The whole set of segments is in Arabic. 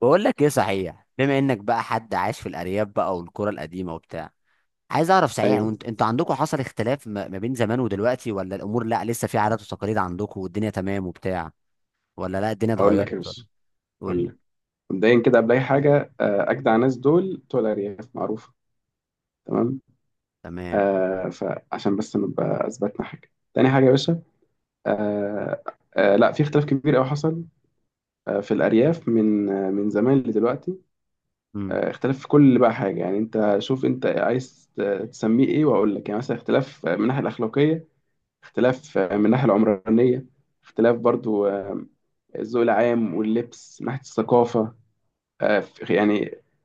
بقول لك ايه؟ صحيح، بما انك بقى حد عايش في الارياف بقى، والقرى القديمه وبتاع، عايز اعرف. صحيح ايوه. وانت، انتوا عندكم حصل اختلاف ما بين زمان ودلوقتي؟ ولا الامور لا، لسه في عادات وتقاليد عندكم والدنيا تمام وبتاع؟ ولا لا الدنيا هقول لك يا اتغيرت ولا؟ باشا. قول هقول لي. لك مبدئيا كده قبل اي حاجه، اجدع ناس دول بتوع الارياف معروفه. تمام. تمام. فعشان بس نبقى اثبتنا حاجه. تاني حاجه يا باشا، آه لا، في اختلاف كبير قوي حصل في الارياف من من زمان لدلوقتي. امم. اختلاف في كل بقى حاجه. يعني انت شوف، انت عايز تسميه ايه؟ واقول لك. يعني مثلا اختلاف من الناحيه الاخلاقيه، اختلاف من الناحيه العمرانيه، اختلاف برضو الذوق العام واللبس من ناحيه الثقافه. يعني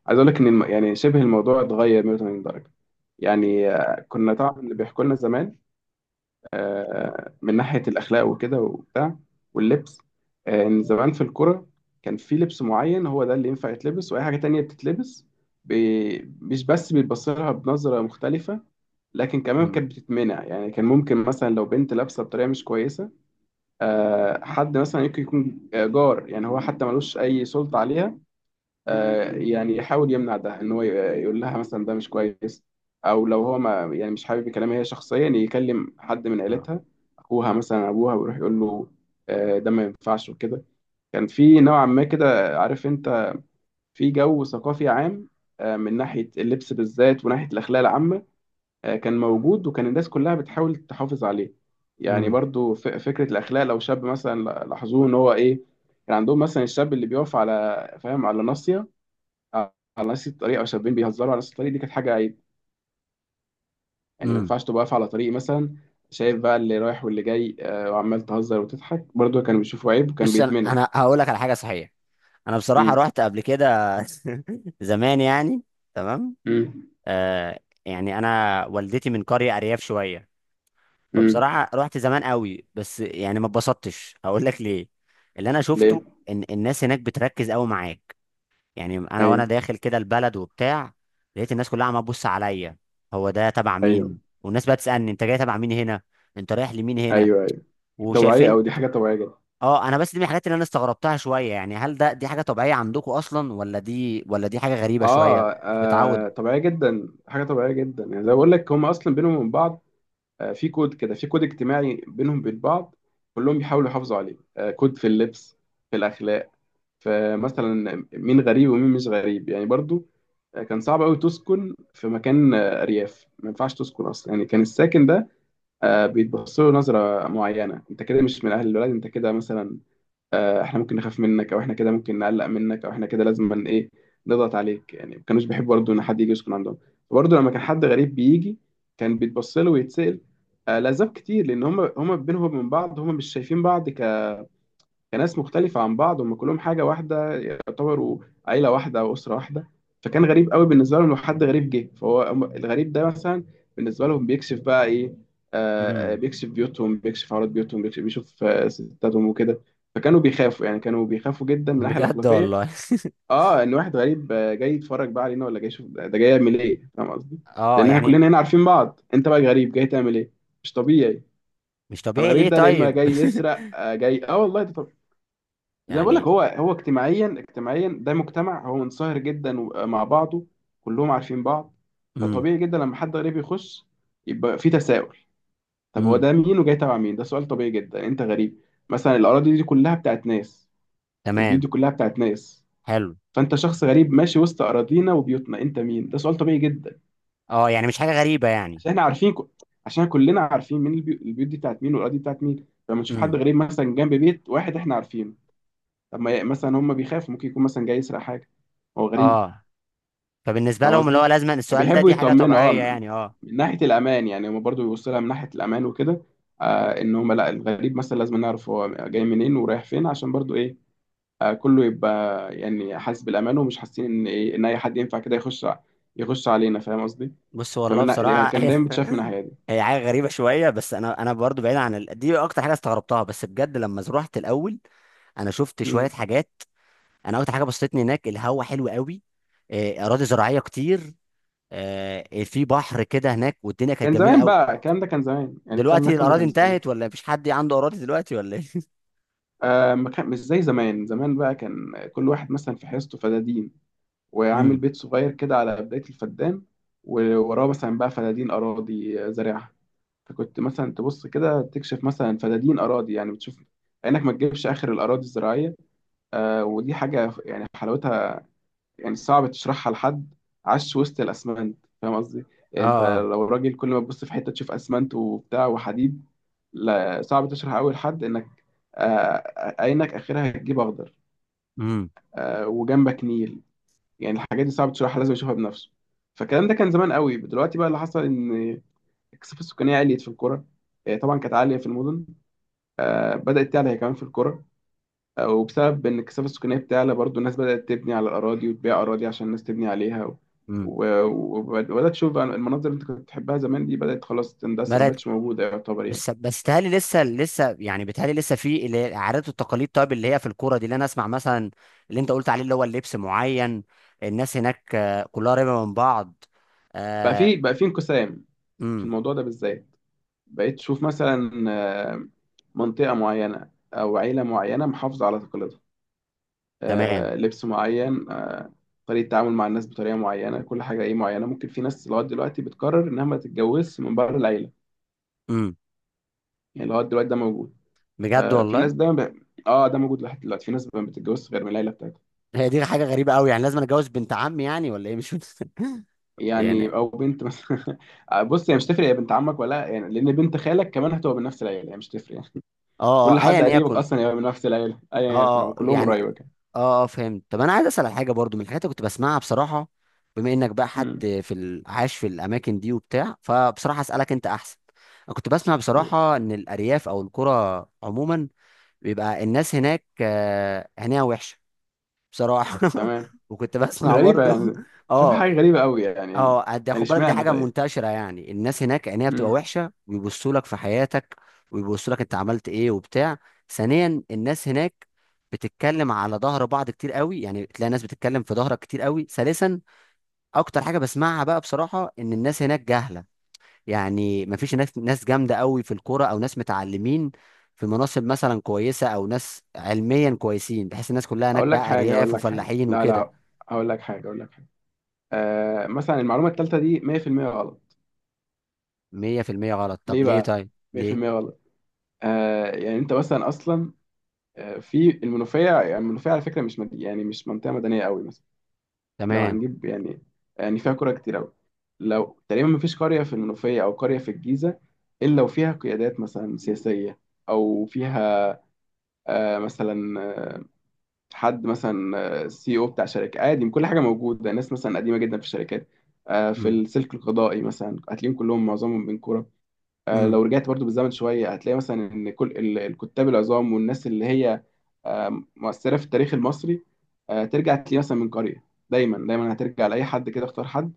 عايز اقول لك ان يعني شبه الموضوع اتغير 180 درجه. يعني كنا طبعا اللي بيحكوا لنا زمان من ناحيه الاخلاق وكده وبتاع واللبس، ان زمان في الكوره كان في لبس معين هو ده اللي ينفع يتلبس، واي حاجه تانية بتتلبس مش بس بيتبص لها بنظره مختلفه، لكن كمان امم. كانت بتتمنع. يعني كان ممكن مثلا لو بنت لابسه بطريقه مش كويسه، حد مثلا يمكن يكون جار، يعني هو حتى ملوش اي سلطه عليها، يعني يحاول يمنع ده، ان هو يقول لها مثلا ده مش كويس، او لو هو ما يعني مش حابب كلامها هي شخصيا، يكلم حد من عيلتها، اخوها مثلا، ابوها، ويروح يقول له ده ما ينفعش وكده. كان في نوعا ما كده، عارف انت، في جو ثقافي عام من ناحية اللبس بالذات وناحية الأخلاق العامة، كان موجود وكان الناس كلها بتحاول تحافظ عليه. يعني امم. برضو فكرة الأخلاق، لو شاب مثلا لاحظوه إن هو إيه، كان عندهم مثلا الشاب اللي بيقف على، فاهم، على ناصية على نفس الطريق، او شابين بيهزروا على نفس الطريق، دي كانت حاجه عيب. يعني ما امم. ينفعش تبقى واقف على طريق مثلا شايف بقى اللي رايح واللي جاي، وعمال تهزر وتضحك، برضو كانوا بيشوفوا عيب وكان بص انا بيتمنع. انا هقول لك على حاجه صحيح. انا بصراحه امم. رحت قبل كده زمان يعني. تمام. امم. آه. يعني انا والدتي من قريه ارياف شويه. امم. فبصراحة رحت زمان قوي، بس يعني ما اتبسطتش. هقول لك ليه. اللي انا شفته ليه؟ ان الناس هناك بتركز قوي معاك. يعني انا وانا ايوه. داخل كده البلد وبتاع، لقيت الناس كلها عماله تبص عليا، هو ده تبع ايوه. مين؟ والناس بقى تسألني، انت جاي تبع مين هنا؟ انت رايح لمين هنا؟ ايوه. ايوه، طبيعيه، وشايفين. او دي حاجه طبيعيه جدا. اه، انا بس دي من الحاجات اللي انا استغربتها شوية. يعني هل ده دي حاجة طبيعية عندكم اصلا، ولا دي ولا دي حاجة غريبة شوية اه، مش متعود؟ طبيعيه جدا، حاجه طبيعيه جدا. يعني زي ما بقول لك هم اصلا بينهم وبين بعض في كود كده، في كود اجتماعي بينهم وبين بعض، كلهم بيحاولوا يحافظوا عليه. كود في اللبس، في الاخلاق. فمثلا مين غريب ومين مش غريب يعني. برضو كان صعب قوي تسكن في مكان ارياف. ما ينفعش تسكن اصلا. يعني كان الساكن ده بيتبص له نظره معينه. انت كده مش من اهل البلد، انت كده مثلا، احنا ممكن نخاف منك، او احنا كده ممكن نقلق منك، او احنا كده لازم ايه، نضغط عليك. يعني ما كانوش بيحبوا برضه ان حد يجي يسكن عندهم. برضه لما كان حد غريب بيجي، كان بيتبص له ويتسال لاسباب كتير. لان هم بينهم من بعض، هم مش شايفين بعض كناس مختلفة عن بعض، هم كلهم حاجة واحدة يعتبروا، عيلة واحدة أو أسرة واحدة. فكان غريب قوي بالنسبة لهم لو حد غريب جه، فهو الغريب ده مثلا بالنسبة لهم بيكشف بقى إيه، امم. بيكشف بيوتهم، بيكشف عورات بيوتهم، بيكشف، بيشوف ستاتهم وكده. فكانوا بيخافوا، يعني كانوا بيخافوا جدا من الناحية بجد الأخلاقية. والله اه، ان واحد غريب جاي يتفرج بقى علينا، ولا جاي يشوف، ده جاي يعمل ايه؟ فاهم قصدي؟ اه لان احنا يعني. كلنا هنا عارفين بعض، انت بقى غريب جاي تعمل ايه؟ مش طبيعي. مش طبيعي ليه فالغريب ده، لا اما طيب؟ جاي يسرق جاي، اه والله ده زي ما بقول لك، يعني. هو اجتماعيا ده مجتمع هو منصهر جدا مع بعضه، كلهم عارفين بعض. مم. فطبيعي جدا لما حد غريب يخش يبقى في تساؤل. طب هو امم. ده مين؟ وجاي تبع مين؟ ده سؤال طبيعي جدا. انت غريب. مثلا الاراضي دي كلها بتاعت ناس، البيوت تمام. دي كلها بتاعت ناس، حلو. فانت شخص غريب ماشي وسط اراضينا وبيوتنا، انت مين؟ ده سؤال طبيعي جدا. اه يعني مش حاجه غريبه يعني. عشان احنا عارفين عشان كلنا عارفين مين البيوت دي بتاعت مين، والاراضي دي بتاعت مين. لما نشوف حد امم. غريب مثلا جنب بيت واحد احنا عارفينه، طب ما ي- مثلا هم بيخافوا، ممكن يكون مثلا جاي يسرق حاجه، هو غريب، اه، فبالنسبه فاهم لهم اللي هو قصدي؟ لازم السؤال ده، فبيحبوا دي حاجه يطمنوا. طبيعيه يعني. اه. من ناحيه الامان. يعني هم برضو بيبصوا لها من ناحيه الامان وكده، ان هم لا، الغريب مثلا لازم نعرف هو جاي منين ورايح فين. عشان برضو ايه، كله يبقى يعني حاسس بالامان، ومش حاسين ان ايه، ان اي حد ينفع كده يخش يخش علينا. فاهم قصدي؟ بص والله بصراحه كان هي، دايما بتشاف من الناحيه دي. هي حاجه غريبه شويه. بس انا، انا برضو بعيد عن دي اكتر حاجه استغربتها. بس بجد لما رحت الاول انا شفت شويه مم. حاجات. انا اكتر حاجه بسطتني هناك، الهوا حلو قوي، آه، اراضي زراعيه كتير، آه، في بحر كده هناك، والدنيا كانت كان جميله زمان قوي. بقى، الكلام ده كان زمان. يعني الكلام ده دلوقتي كله الاراضي كان زمان. انتهت، ولا مفيش حد عنده اراضي دلوقتي ولا ايه؟ ما كان مش زي زمان. زمان بقى كان كل واحد مثلا في حصته فده دين، وعامل امم. بيت صغير كده على بداية الفدان، ووراه مثلا بقى فدادين أراضي زارعها. فكنت مثلا تبص كده تكشف مثلا فدادين أراضي. يعني بتشوف إنك ما تجيبش آخر الأراضي الزراعية. ودي حاجة يعني حلاوتها يعني صعب تشرحها لحد عاش وسط الأسمنت، فاهم قصدي؟ يعني أنت اه. لو راجل كل ما تبص في حتة تشوف أسمنت وبتاع وحديد، لا، صعب تشرح أوي لحد إنك عينك آخرها هتجيب أخضر، امم. وجنبك نيل. يعني الحاجات دي صعب تشرحها، لازم يشوفها بنفسه. فالكلام ده كان زمان قوي. دلوقتي بقى اللي حصل ان الكثافه السكانيه عليت في القرى. طبعا كانت عاليه في المدن، بدات تعلى هي كمان في القرى. وبسبب ان الكثافه السكانيه بتعلى برضو، الناس بدات تبني على الاراضي، وتبيع اراضي عشان الناس تبني عليها، و- وبدات تشوف بقى المناظر اللي انت كنت بتحبها زمان دي بدات خلاص تندثر، ما بلد. بقتش موجوده يعتبر يعني. بس بس بيتهيألي لسه يعني، بيتهيألي لسه في اللي هي العادات والتقاليد. طيب اللي هي في الكوره دي، اللي انا اسمع مثلا اللي انت قلت عليه، اللي هو اللبس معين. الناس هناك آه، كلها قريبه من بعض. بقى آه. في بقى في انقسام في امم. الموضوع ده بالذات. بقيت تشوف مثلا آه، منطقه معينه او عيله معينه محافظه على تقاليدها، تمام. لبس معين، طريقة تعامل مع الناس بطريقة معينة، كل حاجة ايه معينة. ممكن في ناس لغاية دلوقتي بتقرر انها ما تتجوزش من بره العيلة. امم. يعني لغاية دلوقتي ده موجود. بجد آه، في والله. ناس ده ب... اه ده موجود لحد دلوقتي، في ناس ما بتتجوزش غير من العيلة بتاعتها. هي دي حاجه غريبه قوي يعني. لازم أنا اتجوز بنت عمي يعني ولا ايه؟ مش فاهم. يعني، يعني او بنت مثلا بص هي مش تفرق يا بنت عمك ولا، يعني لان بنت خالك كمان هتبقى من نفس العيلة، يعني مش تفرق يعني. اه، كل آه، ايا حد قريبك يكن. اصلا هيبقى من نفس العيلة. اه ايا يكن هو، آه، كلهم يعني قريبك يعني. اه اه، فهمت. طب انا عايز اسال على حاجه برضو من الحاجات اللي كنت بسمعها بصراحه، بما انك بقى حد امم. في عايش في الاماكن دي وبتاع، فبصراحه اسالك انت احسن. انا كنت بسمع قول. بصراحه ان الارياف او القرى عموما بيبقى الناس هناك آه، عينيها وحشه. بصراحه تمام. وكنت بسمع غريبة برضو يعني، شوف اه. حاجة غريبة قوي يعني. اه، يعني خد بالك، دي اشمعنى حاجه طيب؟ منتشره يعني. الناس هناك عينيها بتبقى مم. وحشه، ويبصوا لك في حياتك، ويبصوا لك انت عملت ايه وبتاع. ثانيا، الناس هناك بتتكلم على ظهر بعض كتير قوي. يعني تلاقي ناس بتتكلم في ظهرك كتير قوي. ثالثا، اكتر حاجه بسمعها بقى بصراحه ان الناس هناك جاهله. يعني مفيش ناس جامده قوي في الكوره، او ناس متعلمين في مناصب مثلا كويسه، او ناس علميا كويسين، بحيث الناس كلها هناك اقول لك بقى حاجه ارياف اقول لك حاجه وفلاحين لا وكده. لا، اقول لك حاجه. مثلا المعلومه الثالثه دي 100% غلط. 100% غلط؟ طب ليه ليه بقى؟ طيب؟ ليه؟ 100% غلط. يعني انت مثلا اصلا في المنوفيه. يعني المنوفيه على فكره مش مد... يعني مش منطقه مدنيه قوي مثلا. لو تمام. هنجيب يعني، يعني فيها قرى كتير قوي. لو تقريبا ما فيش قريه في المنوفيه او قريه في الجيزه الا وفيها قيادات مثلا سياسيه، او فيها آه مثلا حد مثلا سي او بتاع شركه، عادي كل حاجه موجوده. ناس مثلا قديمه جدا في الشركات في السلك القضائي، مثلا هتلاقيهم كلهم معظمهم من كوره. امم. لو رجعت برضو بالزمن شويه هتلاقي مثلا ان كل الكتاب العظام والناس اللي هي مؤثره في التاريخ المصري، ترجع تلاقيه مثلا من قريه. دايما هترجع لاي حد كده. اختار حد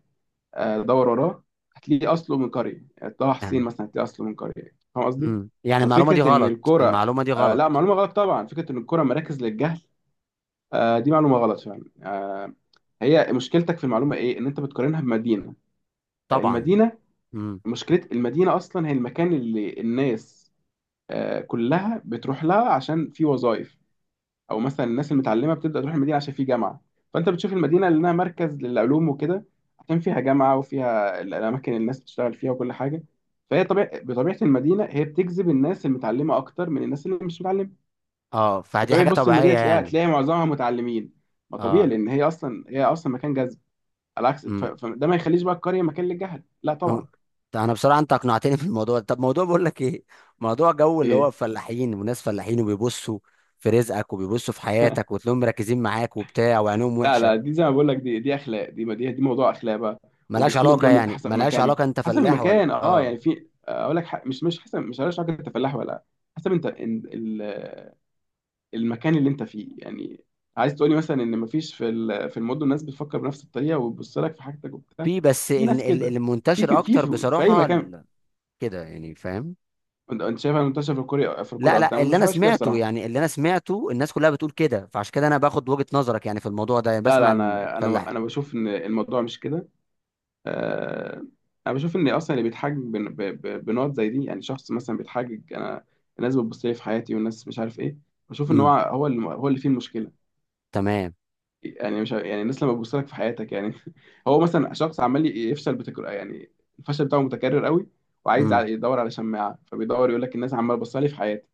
دور وراه، هتلاقيه اصله من قريه. يعني طه حسين يعني. مثلا هتلاقيه اصله من قريه، فاهم قصدي؟ امم، يعني المعلومة دي ففكره ان غلط، الكوره، المعلومة دي لا، غلط معلومه غلط طبعا. فكره ان الكوره مراكز للجهل دي معلومة غلط فعلا. هي مشكلتك في المعلومة ايه، ان انت بتقارنها بمدينة، آه، طبعا. المدينة امم. مشكلة المدينة اصلا هي المكان اللي الناس كلها بتروح لها عشان في وظائف، او مثلا الناس المتعلمة بتبدأ تروح المدينة عشان في جامعة. فانت بتشوف المدينة لانها مركز للعلوم وكده، عشان فيها جامعة وفيها الاماكن اللي الناس بتشتغل فيها وكل حاجة. فهي طبيعة، بطبيعة المدينة هي بتجذب الناس المتعلمة اكتر من الناس اللي مش متعلمة. اه فدي فطبيعي، حاجة بص المدينة طبيعية تلاقيها يعني. تلاقي معظمها متعلمين، ما طبيعي، اه. لان هي اصلا، هي اصلا مكان جذب. على عكس امم. فده ما يخليش بقى القريه مكان للجهل، لا مم. طبعا. ده انا بصراحة انت اقنعتني في الموضوع ده. طب موضوع بقول لك ايه، موضوع جو اللي هو ايه؟ فلاحين، وناس فلاحين وبيبصوا في رزقك وبيبصوا في حياتك، وتلاقيهم مركزين معاك وبتاع، وعينهم لا وحشة. لا دي زي ما بقول لك، دي اخلاق. دي موضوع اخلاق بقى، ملهاش وبيختلف علاقة جامد يعني؟ حسب ملهاش مكان، علاقة انت حسب فلاح المكان. ولا اه، اه؟ يعني في، اقول لك مش حسب، مش عارف حاجه تفلاح ولا، حسب انت ال- المكان اللي انت فيه يعني. عايز تقولي مثلا ان مفيش في في المدن ناس بتفكر بنفس الطريقه وبتبص لك في حاجتك وبتاع؟ في بس في ناس كده، في المنتشر في في, اكتر في اي بصراحة مكان. كده يعني فاهم. أنت شايفها منتشره في الكوره، في لا الكوره اكتر؟ لا، أنا ما اللي انا بشوفهاش كده سمعته بصراحه. يعني، اللي انا سمعته الناس كلها بتقول كده. فعشان كده انا باخد وجهة نظرك يعني في الموضوع ده، يعني لا بسمع لا عن انا الفلاح. انا انا بشوف ان الموضوع مش كده، آه، انا بشوف ان اصلا اللي بيتحجج بنقط زي دي، يعني شخص مثلا بيتحجج، انا الناس بتبص لي في حياتي والناس مش عارف ايه، بشوف ان هو امم. هو اللي هو اللي فيه المشكله. تمام. يعني مش يعني الناس لما بتبص لك في حياتك يعني. هو مثلا شخص عمال يفشل بتكرار، يعني الفشل بتاعه متكرر قوي، وعايز امم. يدور على شماعه، فبيدور يقول لك الناس عماله تبص لي في حياتي.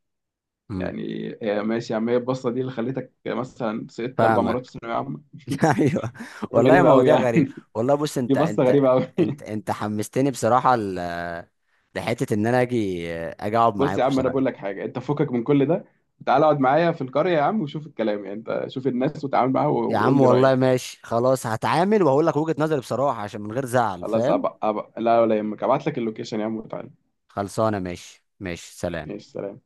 امم. يعني هي ماشي يا عم، هي البصه دي اللي خلتك مثلا سقطت اربع مرات في فاهمك ثانويه عامه؟ ايوه. حاجة والله يا غريبه قوي مواضيع يعني. غريب. والله بص. دي انت بصه انت غريبه قوي. انت انت حمستني بصراحة لحتة ان انا اجي اقعد بص يا معاكم عم انا بصراحة. بقول لك حاجه، انت فكك من كل ده، تعال اقعد معايا في القريه يا عم وشوف الكلام. يعني انت شوف الناس وتعامل معاها يا عم وقول لي والله رايك. ماشي خلاص، هتعامل وهقول لك وجهة نظري بصراحة، عشان من غير زعل خلاص. فاهم. أبقى لا ولا يهمك، ابعت لك اللوكيشن يا عم وتعالى. خلصانة. ماشي ماشي. سلام. ماشي سلام.